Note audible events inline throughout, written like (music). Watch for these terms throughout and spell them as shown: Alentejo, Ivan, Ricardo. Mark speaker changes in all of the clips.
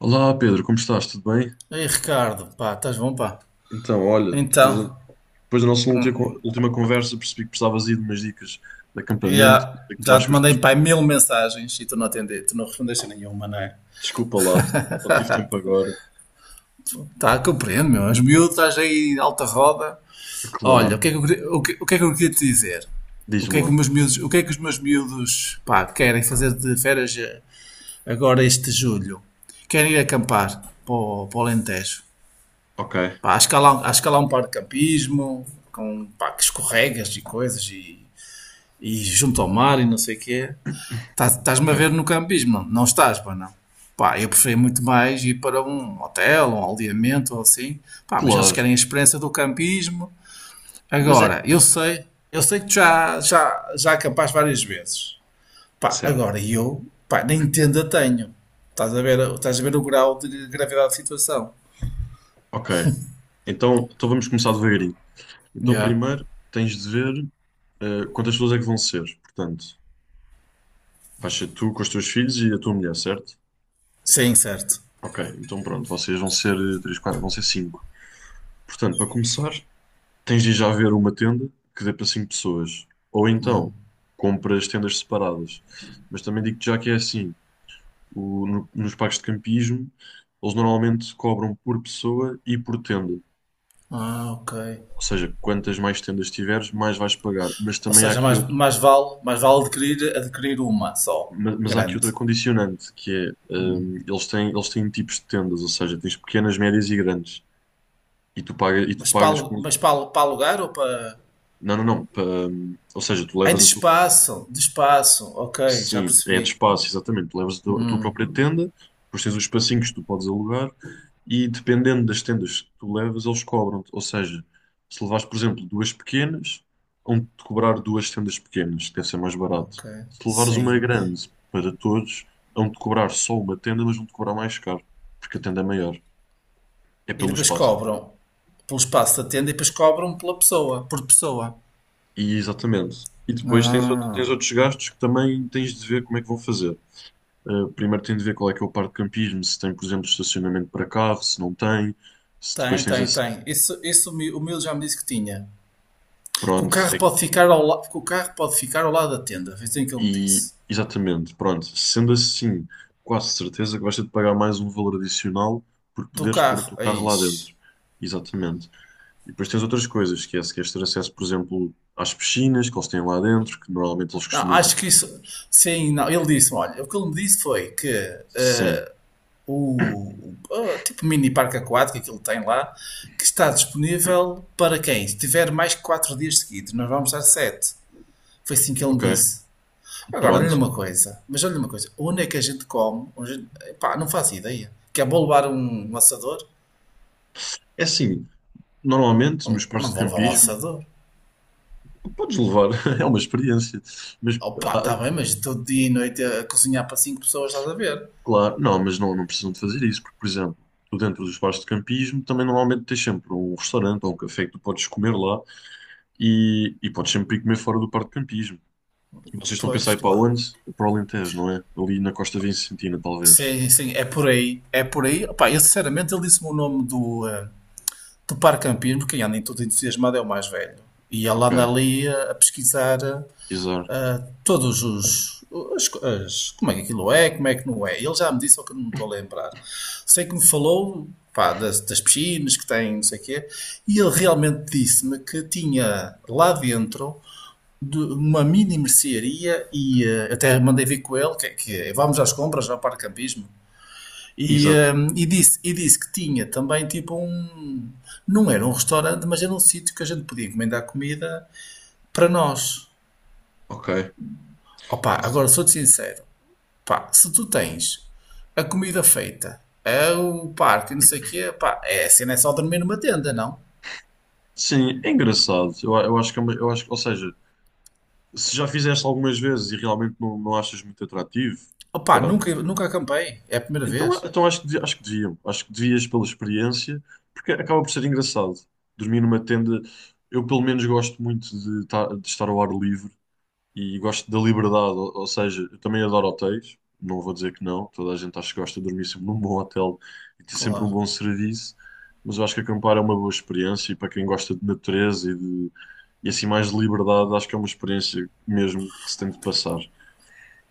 Speaker 1: Olá Pedro, como estás? Tudo bem?
Speaker 2: Ei, Ricardo, pá, estás bom, pá?
Speaker 1: Então, olha,
Speaker 2: Então,
Speaker 1: depois da nossa
Speaker 2: hum,
Speaker 1: última conversa percebi que precisavas aí de umas dicas de acampamento,
Speaker 2: já,
Speaker 1: sei que tu
Speaker 2: já
Speaker 1: vais
Speaker 2: te
Speaker 1: com os
Speaker 2: mandei,
Speaker 1: teus...
Speaker 2: pá, mil mensagens e tu não atendeste, tu não respondeste a nenhuma, não é?
Speaker 1: Desculpa lá, só tive tempo agora.
Speaker 2: Tá, compreendo, meu. És miúdo, estás aí alta roda. Olha,
Speaker 1: Claro,
Speaker 2: o que é que eu queria te dizer?
Speaker 1: diz-me lá.
Speaker 2: O que é que os meus miúdos, pá, querem fazer de férias agora este julho? Querem ir acampar para o Alentejo.
Speaker 1: Ok,
Speaker 2: Pá, acho que há lá um par de campismo, com, pá, que escorregas e coisas e junto ao mar e não sei o quê. Estás-me
Speaker 1: ok.
Speaker 2: a ver no campismo? Não estás, pá, não. Pá, eu prefiro muito mais ir para um hotel, um aldeamento ou assim. Pá, mas eles
Speaker 1: Claro,
Speaker 2: querem a experiência do campismo.
Speaker 1: mas é...
Speaker 2: Agora, eu sei que tu já acampaste várias vezes. Pá,
Speaker 1: Certo.
Speaker 2: agora eu, pá, nem tenda tenho. Estás a ver o grau de gravidade da situação.
Speaker 1: Ok, então, vamos começar devagarinho. Então
Speaker 2: Yeah.
Speaker 1: primeiro tens de ver quantas pessoas é que vão ser. Portanto, vais ser tu com os teus filhos e a tua mulher, certo?
Speaker 2: Sim, certo.
Speaker 1: Ok, então pronto, vocês vão ser três, quatro, vão ser cinco. Portanto, para começar... tens de já ver uma tenda que dê para cinco pessoas. Ou então, compras tendas separadas. Mas também digo-te já que é assim, nos parques de campismo, eles normalmente cobram por pessoa e por tenda.
Speaker 2: Ah, ok.
Speaker 1: Ou seja, quantas mais tendas tiveres, mais vais pagar. Mas
Speaker 2: Ou
Speaker 1: também há
Speaker 2: seja,
Speaker 1: aqui
Speaker 2: mais,
Speaker 1: outra,
Speaker 2: mais vale, mais vale adquirir uma só,
Speaker 1: há aqui
Speaker 2: grande.
Speaker 1: outra condicionante, que é, eles têm tipos de tendas, ou seja, tens pequenas, médias e grandes. E tu pagas, e tu pagas com...
Speaker 2: Para alugar ou para,
Speaker 1: Não, não, não. Ou seja, tu
Speaker 2: aí de
Speaker 1: levas a tua
Speaker 2: espaço, de espaço, ok, já
Speaker 1: Sim, é de
Speaker 2: percebi.
Speaker 1: espaço, exatamente. Tu levas a tua própria tenda, depois tens os espacinhos que tu podes alugar e dependendo das tendas que tu levas, eles cobram-te. Ou seja, se levares, por exemplo, duas pequenas, vão-te cobrar duas tendas pequenas, que deve ser mais barato.
Speaker 2: Ok,
Speaker 1: Se levares uma
Speaker 2: sim.
Speaker 1: grande para todos, vão-te cobrar só uma tenda, mas vão-te cobrar mais caro, porque a tenda é maior, é
Speaker 2: E
Speaker 1: pelo
Speaker 2: depois
Speaker 1: espaço.
Speaker 2: cobram pelo espaço da tenda e depois cobram pela pessoa, por pessoa.
Speaker 1: E exatamente. E depois tens, tens
Speaker 2: Ah,
Speaker 1: outros gastos que também tens de ver como é que vão fazer. Primeiro tem de ver qual é que é o parque de campismo, se tem, por exemplo, estacionamento para carro, se não tem, se
Speaker 2: tem,
Speaker 1: depois tens
Speaker 2: tem,
Speaker 1: esse.
Speaker 2: tem. Isso, o meu já me disse que tinha.
Speaker 1: Pronto, é-
Speaker 2: Que o carro pode ficar ao lado da tenda, foi assim que ele me
Speaker 1: e
Speaker 2: disse.
Speaker 1: exatamente, pronto. Sendo assim, quase certeza que vais ter de pagar mais um valor adicional por
Speaker 2: Do
Speaker 1: poderes pôr o
Speaker 2: carro,
Speaker 1: teu carro
Speaker 2: aí.
Speaker 1: lá dentro. Exatamente. E depois tens outras coisas, que é se queres ter acesso, por exemplo, às piscinas que eles têm lá dentro, que normalmente eles
Speaker 2: Não,
Speaker 1: costumam ter.
Speaker 2: acho que isso, sim, não, ele disse-me, olha, o que ele me disse foi que
Speaker 1: Sim,
Speaker 2: o tipo mini parque aquático que ele tem lá, que está disponível para quem tiver mais que 4 dias seguidos. Nós vamos dar sete. Foi assim que ele me
Speaker 1: ok,
Speaker 2: disse. Agora, olha-lhe
Speaker 1: pronto.
Speaker 2: uma coisa, mas olha-lhe uma coisa, onde é que a gente come? Pá, não faço ideia. Quer vou levar um assador?
Speaker 1: É assim, normalmente nos
Speaker 2: Não, não
Speaker 1: parques de
Speaker 2: vou levar um
Speaker 1: campismo
Speaker 2: assador.
Speaker 1: podes levar, (laughs) é uma experiência, mas
Speaker 2: Opa,
Speaker 1: ah,
Speaker 2: está bem, mas todo dia e noite a cozinhar para 5 pessoas, estás a ver?
Speaker 1: Claro, não, mas não, não precisam de fazer isso, porque, por exemplo, tu dentro dos bares de campismo também normalmente tens sempre um restaurante ou um café que tu podes comer lá e podes sempre ir comer fora do parque de campismo. Vocês estão a pensar
Speaker 2: Pois,
Speaker 1: em ir para
Speaker 2: claro.
Speaker 1: onde? Para o Alentejo, não é? Ali na Costa Vicentina, talvez.
Speaker 2: Sim, sim, é por aí. É por aí. Opá, eu sinceramente ele disse-me o nome do, de parcampismo, porque anda em tudo entusiasmado é o mais velho. E ele
Speaker 1: Ok,
Speaker 2: anda ali a pesquisar
Speaker 1: exato.
Speaker 2: ah, todos os. Como é que aquilo é, como é que não é. Ele já me disse, só que eu não me estou a lembrar. Sei que me falou pá, das piscinas que tem, não sei o quê, e ele realmente disse-me que tinha lá dentro de uma mini mercearia e até mandei vir com ele que, é, vamos às compras ao parcampismo e,
Speaker 1: Exato.
Speaker 2: e disse que tinha também tipo um. Não era um restaurante, mas era um sítio que a gente podia encomendar comida para nós.
Speaker 1: Ok.
Speaker 2: Opa, agora sou-te sincero. Pá, se tu tens a comida feita, é o parque, não sei o quê, pá, é assim, não é só dormir numa tenda, não?
Speaker 1: Sim, é engraçado. Eu acho que é eu ou seja, se já fizeste algumas vezes e realmente não, não achas muito atrativo,
Speaker 2: Opa,
Speaker 1: pronto.
Speaker 2: nunca, nunca acampei. É a primeira
Speaker 1: Então,
Speaker 2: vez.
Speaker 1: então acho que, acho que deviam. Acho que devias pela experiência, porque acaba por ser engraçado. Dormir numa tenda, eu pelo menos gosto muito de, de estar ao ar livre e gosto da liberdade, ou seja, eu também adoro hotéis, não vou dizer que não, toda a gente acho que gosta de dormir sempre num bom hotel e ter sempre um
Speaker 2: Claro.
Speaker 1: bom serviço, mas eu acho que acampar é uma boa experiência e para quem gosta de natureza e de e assim mais de liberdade, acho que é uma experiência mesmo que se tem de passar.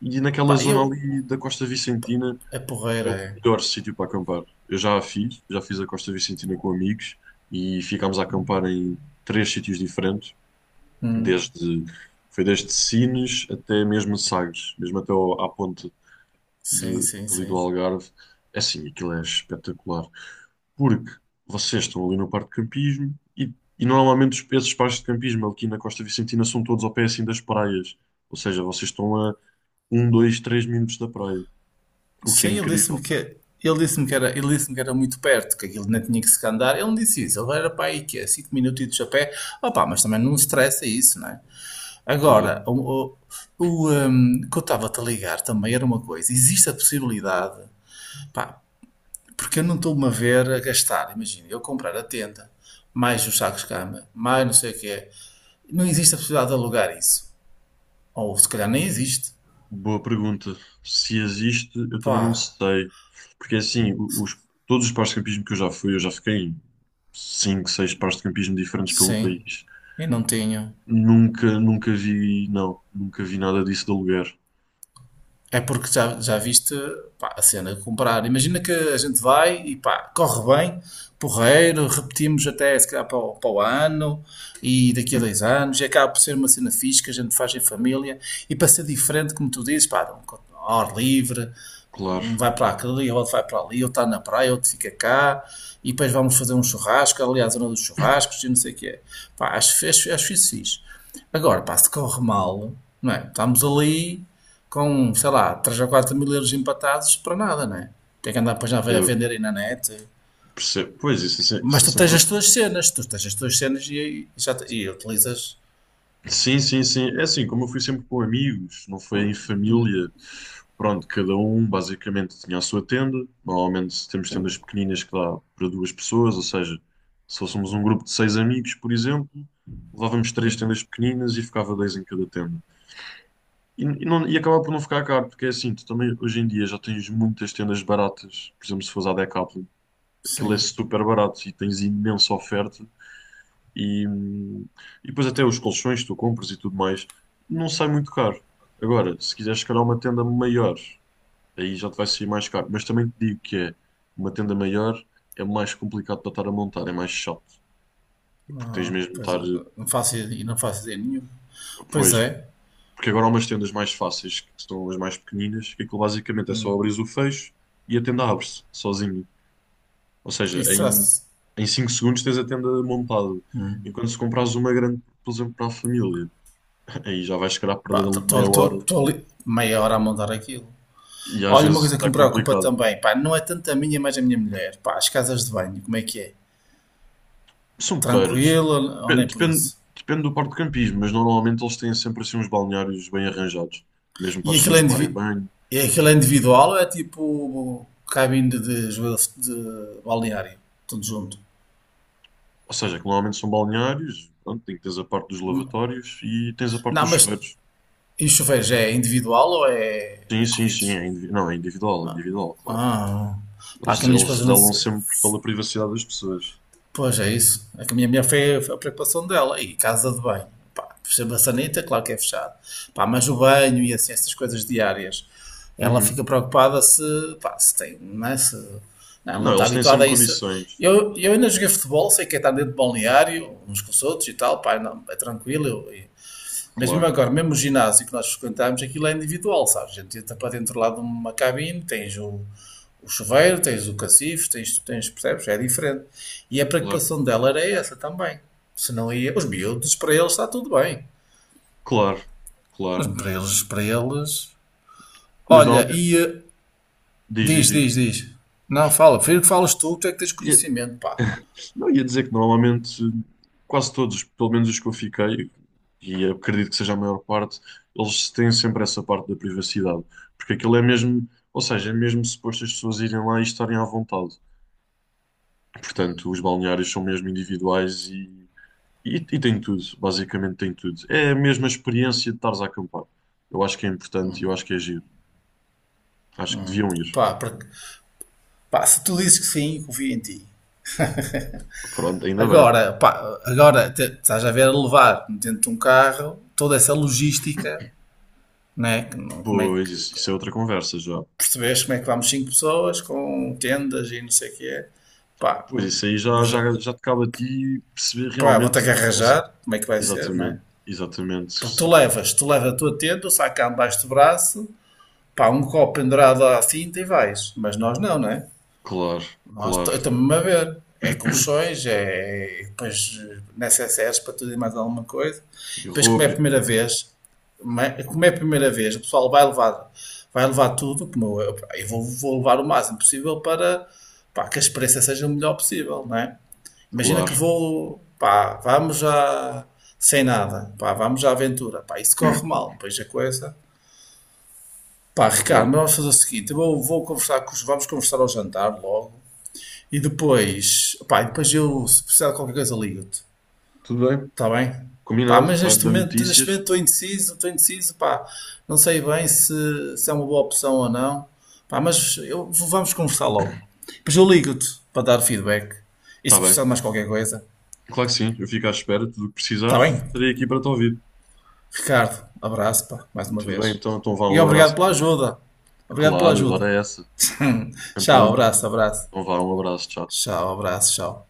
Speaker 1: E naquela
Speaker 2: Pá,
Speaker 1: zona
Speaker 2: eu.
Speaker 1: ali da Costa Vicentina.
Speaker 2: É
Speaker 1: É
Speaker 2: porreira,
Speaker 1: o
Speaker 2: é.
Speaker 1: melhor sítio para acampar. Eu já a fiz, já fiz a Costa Vicentina com amigos e ficámos a acampar em três sítios diferentes, desde foi desde Sines até mesmo Sagres, mesmo à ponte
Speaker 2: Sim,
Speaker 1: de,
Speaker 2: sim,
Speaker 1: ali do
Speaker 2: sim.
Speaker 1: Algarve. É assim, aquilo é espetacular, porque vocês estão ali no parque de campismo e normalmente esses parques de campismo aqui na Costa Vicentina são todos ao pé assim das praias, ou seja, vocês estão a um, dois, três minutos da praia, o que é
Speaker 2: Sim,
Speaker 1: incrível.
Speaker 2: ele disse-me que era muito perto, que aquilo não tinha que se andar. Ele não disse isso, ele era para aí que é 5 minutos a pé. Opa, mas também não estressa isso, não é?
Speaker 1: Claro.
Speaker 2: Agora, que eu estava-te a ligar também era uma coisa. Existe a possibilidade, pá, porque eu não estou-me a ver a gastar. Imagina, eu comprar a tenda, mais os sacos de cama, mais não sei o que é. Não existe a possibilidade de alugar isso. Ou se calhar nem existe.
Speaker 1: Boa pergunta. Se existe, eu também não
Speaker 2: Pá,
Speaker 1: sei. Porque assim, todos os pares de campismo que eu já fui, eu já fiquei em 5, 6 pares de campismo diferentes pelo
Speaker 2: sim,
Speaker 1: país.
Speaker 2: eu não tenho.
Speaker 1: Nunca, nunca vi, não, nunca vi nada disso de aluguer.
Speaker 2: É porque já viste pá, a cena de comprar. Imagina que a gente vai e pá, corre bem, porreiro, repetimos até se calhar para o ano e daqui a 2 anos. E acaba por ser uma cena fixe que a gente faz em família e para ser diferente, como tu dizes, pá, ao ar livre,
Speaker 1: Claro,
Speaker 2: um vai para aquele, e outro vai para ali, outro está na praia, outro fica cá, e depois vamos fazer um churrasco, aliás à zona dos churrascos, e não sei o que é. Pá, acho isso fixe. Agora, pá, se corre mal, não é? Estamos ali com, sei lá, 3 ou 4 mil euros empatados para nada, não é? Tem que andar depois já a
Speaker 1: é,
Speaker 2: vender aí na net.
Speaker 1: percebo. Pois, isso é, se-
Speaker 2: Mas
Speaker 1: isso é
Speaker 2: tu tens
Speaker 1: sempre.
Speaker 2: as tuas cenas, tu tens as tuas cenas e e utilizas.
Speaker 1: Sim, sim, sim. É assim, como eu fui sempre com amigos, não foi em família, pronto, cada um basicamente tinha a sua tenda. Normalmente temos tendas pequeninas que dá para duas pessoas, ou seja, se fôssemos um grupo de seis amigos, por exemplo, levávamos três tendas pequeninas e ficava dois em cada tenda. Não, e acaba por não ficar caro, porque é assim, tu também hoje em dia já tens muitas tendas baratas, por exemplo, se fores à Decathlon, aquilo é
Speaker 2: Sim,
Speaker 1: super barato e tens imensa oferta e, hum, e depois até os colchões que tu compras e tudo mais, não sai muito caro. Agora, se quiseres se calhar uma tenda maior, aí já te vai sair mais caro. Mas também te digo que é uma tenda maior é mais complicado para estar a montar, é mais chato. Porque tens
Speaker 2: não,
Speaker 1: mesmo de
Speaker 2: pois, é,
Speaker 1: estar,
Speaker 2: e não faço ideia nenhuma. Pois
Speaker 1: pois,
Speaker 2: é,
Speaker 1: porque agora há umas tendas mais fáceis, que são as mais pequeninas, que aquilo basicamente é só abrir o fecho e a tenda abre-se sozinho. Ou seja,
Speaker 2: isso será-se.
Speaker 1: em 5 segundos tens a tenda montada. Enquanto se comprares uma grande, por exemplo, para a família aí já vais chegar a perder
Speaker 2: Pá,
Speaker 1: ali meia hora
Speaker 2: estou ali meia hora a montar aquilo.
Speaker 1: e às
Speaker 2: Olha, uma coisa
Speaker 1: vezes
Speaker 2: que
Speaker 1: é
Speaker 2: me preocupa
Speaker 1: complicado.
Speaker 2: também, pá, não é tanto a minha, mas a minha mulher. Pá, as casas de banho, como é que é?
Speaker 1: São porreiras.
Speaker 2: Tranquilo ou não é por
Speaker 1: Depende,
Speaker 2: isso?
Speaker 1: depende do parque de campismo, mas normalmente eles têm sempre assim uns balneários bem arranjados, mesmo para
Speaker 2: E
Speaker 1: as
Speaker 2: aquilo é,
Speaker 1: pessoas tomarem
Speaker 2: indivi-
Speaker 1: banho.
Speaker 2: e aquilo é individual ou é tipo cabine de, joelho de balneário? Tudo junto.
Speaker 1: Ou seja, que normalmente são balneários, pronto, tem que tens a parte dos lavatórios e tens a parte
Speaker 2: Não,
Speaker 1: dos
Speaker 2: mas
Speaker 1: chuveiros.
Speaker 2: em chuveiros é individual ou é,
Speaker 1: Sim,
Speaker 2: é
Speaker 1: sim, sim,
Speaker 2: corridos?
Speaker 1: não, é individual, claro.
Speaker 2: Ah, pá, que
Speaker 1: Eles,
Speaker 2: a minha
Speaker 1: eles
Speaker 2: esposa não
Speaker 1: zelam
Speaker 2: se...
Speaker 1: sempre pela privacidade das pessoas.
Speaker 2: Pois é isso. É a minha mulher foi a preocupação dela. E casa de banho. Pá, a maçaneta, claro que é fechado. Pá, mas o banho e assim, essas coisas diárias. Ela
Speaker 1: Uhum.
Speaker 2: fica preocupada se, pá, se tem, não é? Se, não, ela não
Speaker 1: Não,
Speaker 2: está
Speaker 1: eles têm
Speaker 2: habituada a
Speaker 1: sempre
Speaker 2: isso.
Speaker 1: condições.
Speaker 2: Eu ainda joguei futebol, sei que é estar dentro de balneário, uns com os outros e tal, pá, não, é tranquilo. Mas mesmo
Speaker 1: Claro,
Speaker 2: agora, mesmo o ginásio que nós frequentámos, aquilo é individual, sabes? A gente entra para dentro lá de uma cabine, tens o chuveiro, tens o cacifo, tens, percebes? É diferente. E a
Speaker 1: claro,
Speaker 2: preocupação dela era essa também. Se não ia. Os miúdos, para eles está tudo bem.
Speaker 1: claro,
Speaker 2: Os
Speaker 1: claro.
Speaker 2: para eles, para eles.
Speaker 1: Mas
Speaker 2: Olha,
Speaker 1: normalmente,
Speaker 2: e.
Speaker 1: diz,
Speaker 2: Diz,
Speaker 1: diz,
Speaker 2: diz, diz. Não, fala. Prefiro que falas tu é que tens
Speaker 1: diz.
Speaker 2: conhecimento, pá.
Speaker 1: Não, ia dizer que normalmente quase todos, pelo menos os que eu fiquei, e acredito que seja a maior parte, eles têm sempre essa parte da privacidade. Porque aquilo é mesmo, ou seja, é mesmo suposto as pessoas irem lá e estarem à vontade. Portanto, os balneários são mesmo individuais e têm tudo, basicamente têm tudo. É a mesma experiência de estares a acampar. Eu acho que é importante e eu acho que é giro. Acho que deviam ir.
Speaker 2: Pá, porque, pá, se tu dizes que sim, confio em ti.
Speaker 1: Pronto, ainda bem.
Speaker 2: Agora, pá, estás a ver a levar dentro de um carro toda essa logística, né? que não- Como é que
Speaker 1: Pois, isso é outra conversa já.
Speaker 2: percebes como é que vamos cinco pessoas com tendas e não sei o que é. Pá,
Speaker 1: Pois isso aí já,
Speaker 2: mas
Speaker 1: já, já te cabe a ti perceber
Speaker 2: pá, vou
Speaker 1: realmente.
Speaker 2: ter que arranjar, como é que vai ser, né?
Speaker 1: Exatamente, exatamente.
Speaker 2: Porque tu
Speaker 1: Isso-
Speaker 2: levas, tu levas a tua tenda, o sacão debaixo do braço, pá, um copo pendurado à cinta e vais. Mas nós não, né?
Speaker 1: Claro, claro.
Speaker 2: Eu estou-me a ver. É colchões, é, depois necessários para tudo e mais alguma coisa.
Speaker 1: E
Speaker 2: Depois,
Speaker 1: roupa,
Speaker 2: como é a primeira vez, o pessoal vai levar, tudo, como eu vou levar o máximo possível para pá, que a experiência seja o melhor possível, não é? Imagina que
Speaker 1: claro,
Speaker 2: vou, pá, vamos já sem nada, pá, vamos à aventura, pá, isso corre mal, pois a coisa. Pá, Ricardo,
Speaker 1: claro.
Speaker 2: mas vamos fazer o seguinte, eu vou, vou conversar com os, vamos conversar ao jantar logo, e depois, pá, e depois eu, se precisar de qualquer coisa, ligo-te.
Speaker 1: Tudo bem,
Speaker 2: Está bem? Pá,
Speaker 1: combinado.
Speaker 2: mas
Speaker 1: Vai-me
Speaker 2: neste
Speaker 1: dando
Speaker 2: momento, neste
Speaker 1: notícias.
Speaker 2: momento estou indeciso, pá, não sei bem se é uma boa opção ou não. Pá, mas eu, vamos conversar logo. Depois eu ligo-te para dar feedback. E se
Speaker 1: Está bem,
Speaker 2: precisar de mais qualquer coisa,
Speaker 1: claro que sim. Eu fico à espera. Tudo o que
Speaker 2: está
Speaker 1: precisares,
Speaker 2: bem?
Speaker 1: estarei aqui para te ouvir.
Speaker 2: Ricardo, abraço, pá, mais uma
Speaker 1: Tudo bem,
Speaker 2: vez.
Speaker 1: então, então vá,
Speaker 2: E
Speaker 1: um
Speaker 2: obrigado
Speaker 1: abraço,
Speaker 2: pela
Speaker 1: Pedro.
Speaker 2: ajuda. Obrigado pela
Speaker 1: Claro, adoro
Speaker 2: ajuda.
Speaker 1: essa. Sem
Speaker 2: Tchau,
Speaker 1: problema
Speaker 2: abraço,
Speaker 1: nenhum.
Speaker 2: abraço.
Speaker 1: Então vá, um abraço, tchau.
Speaker 2: Tchau, abraço, tchau.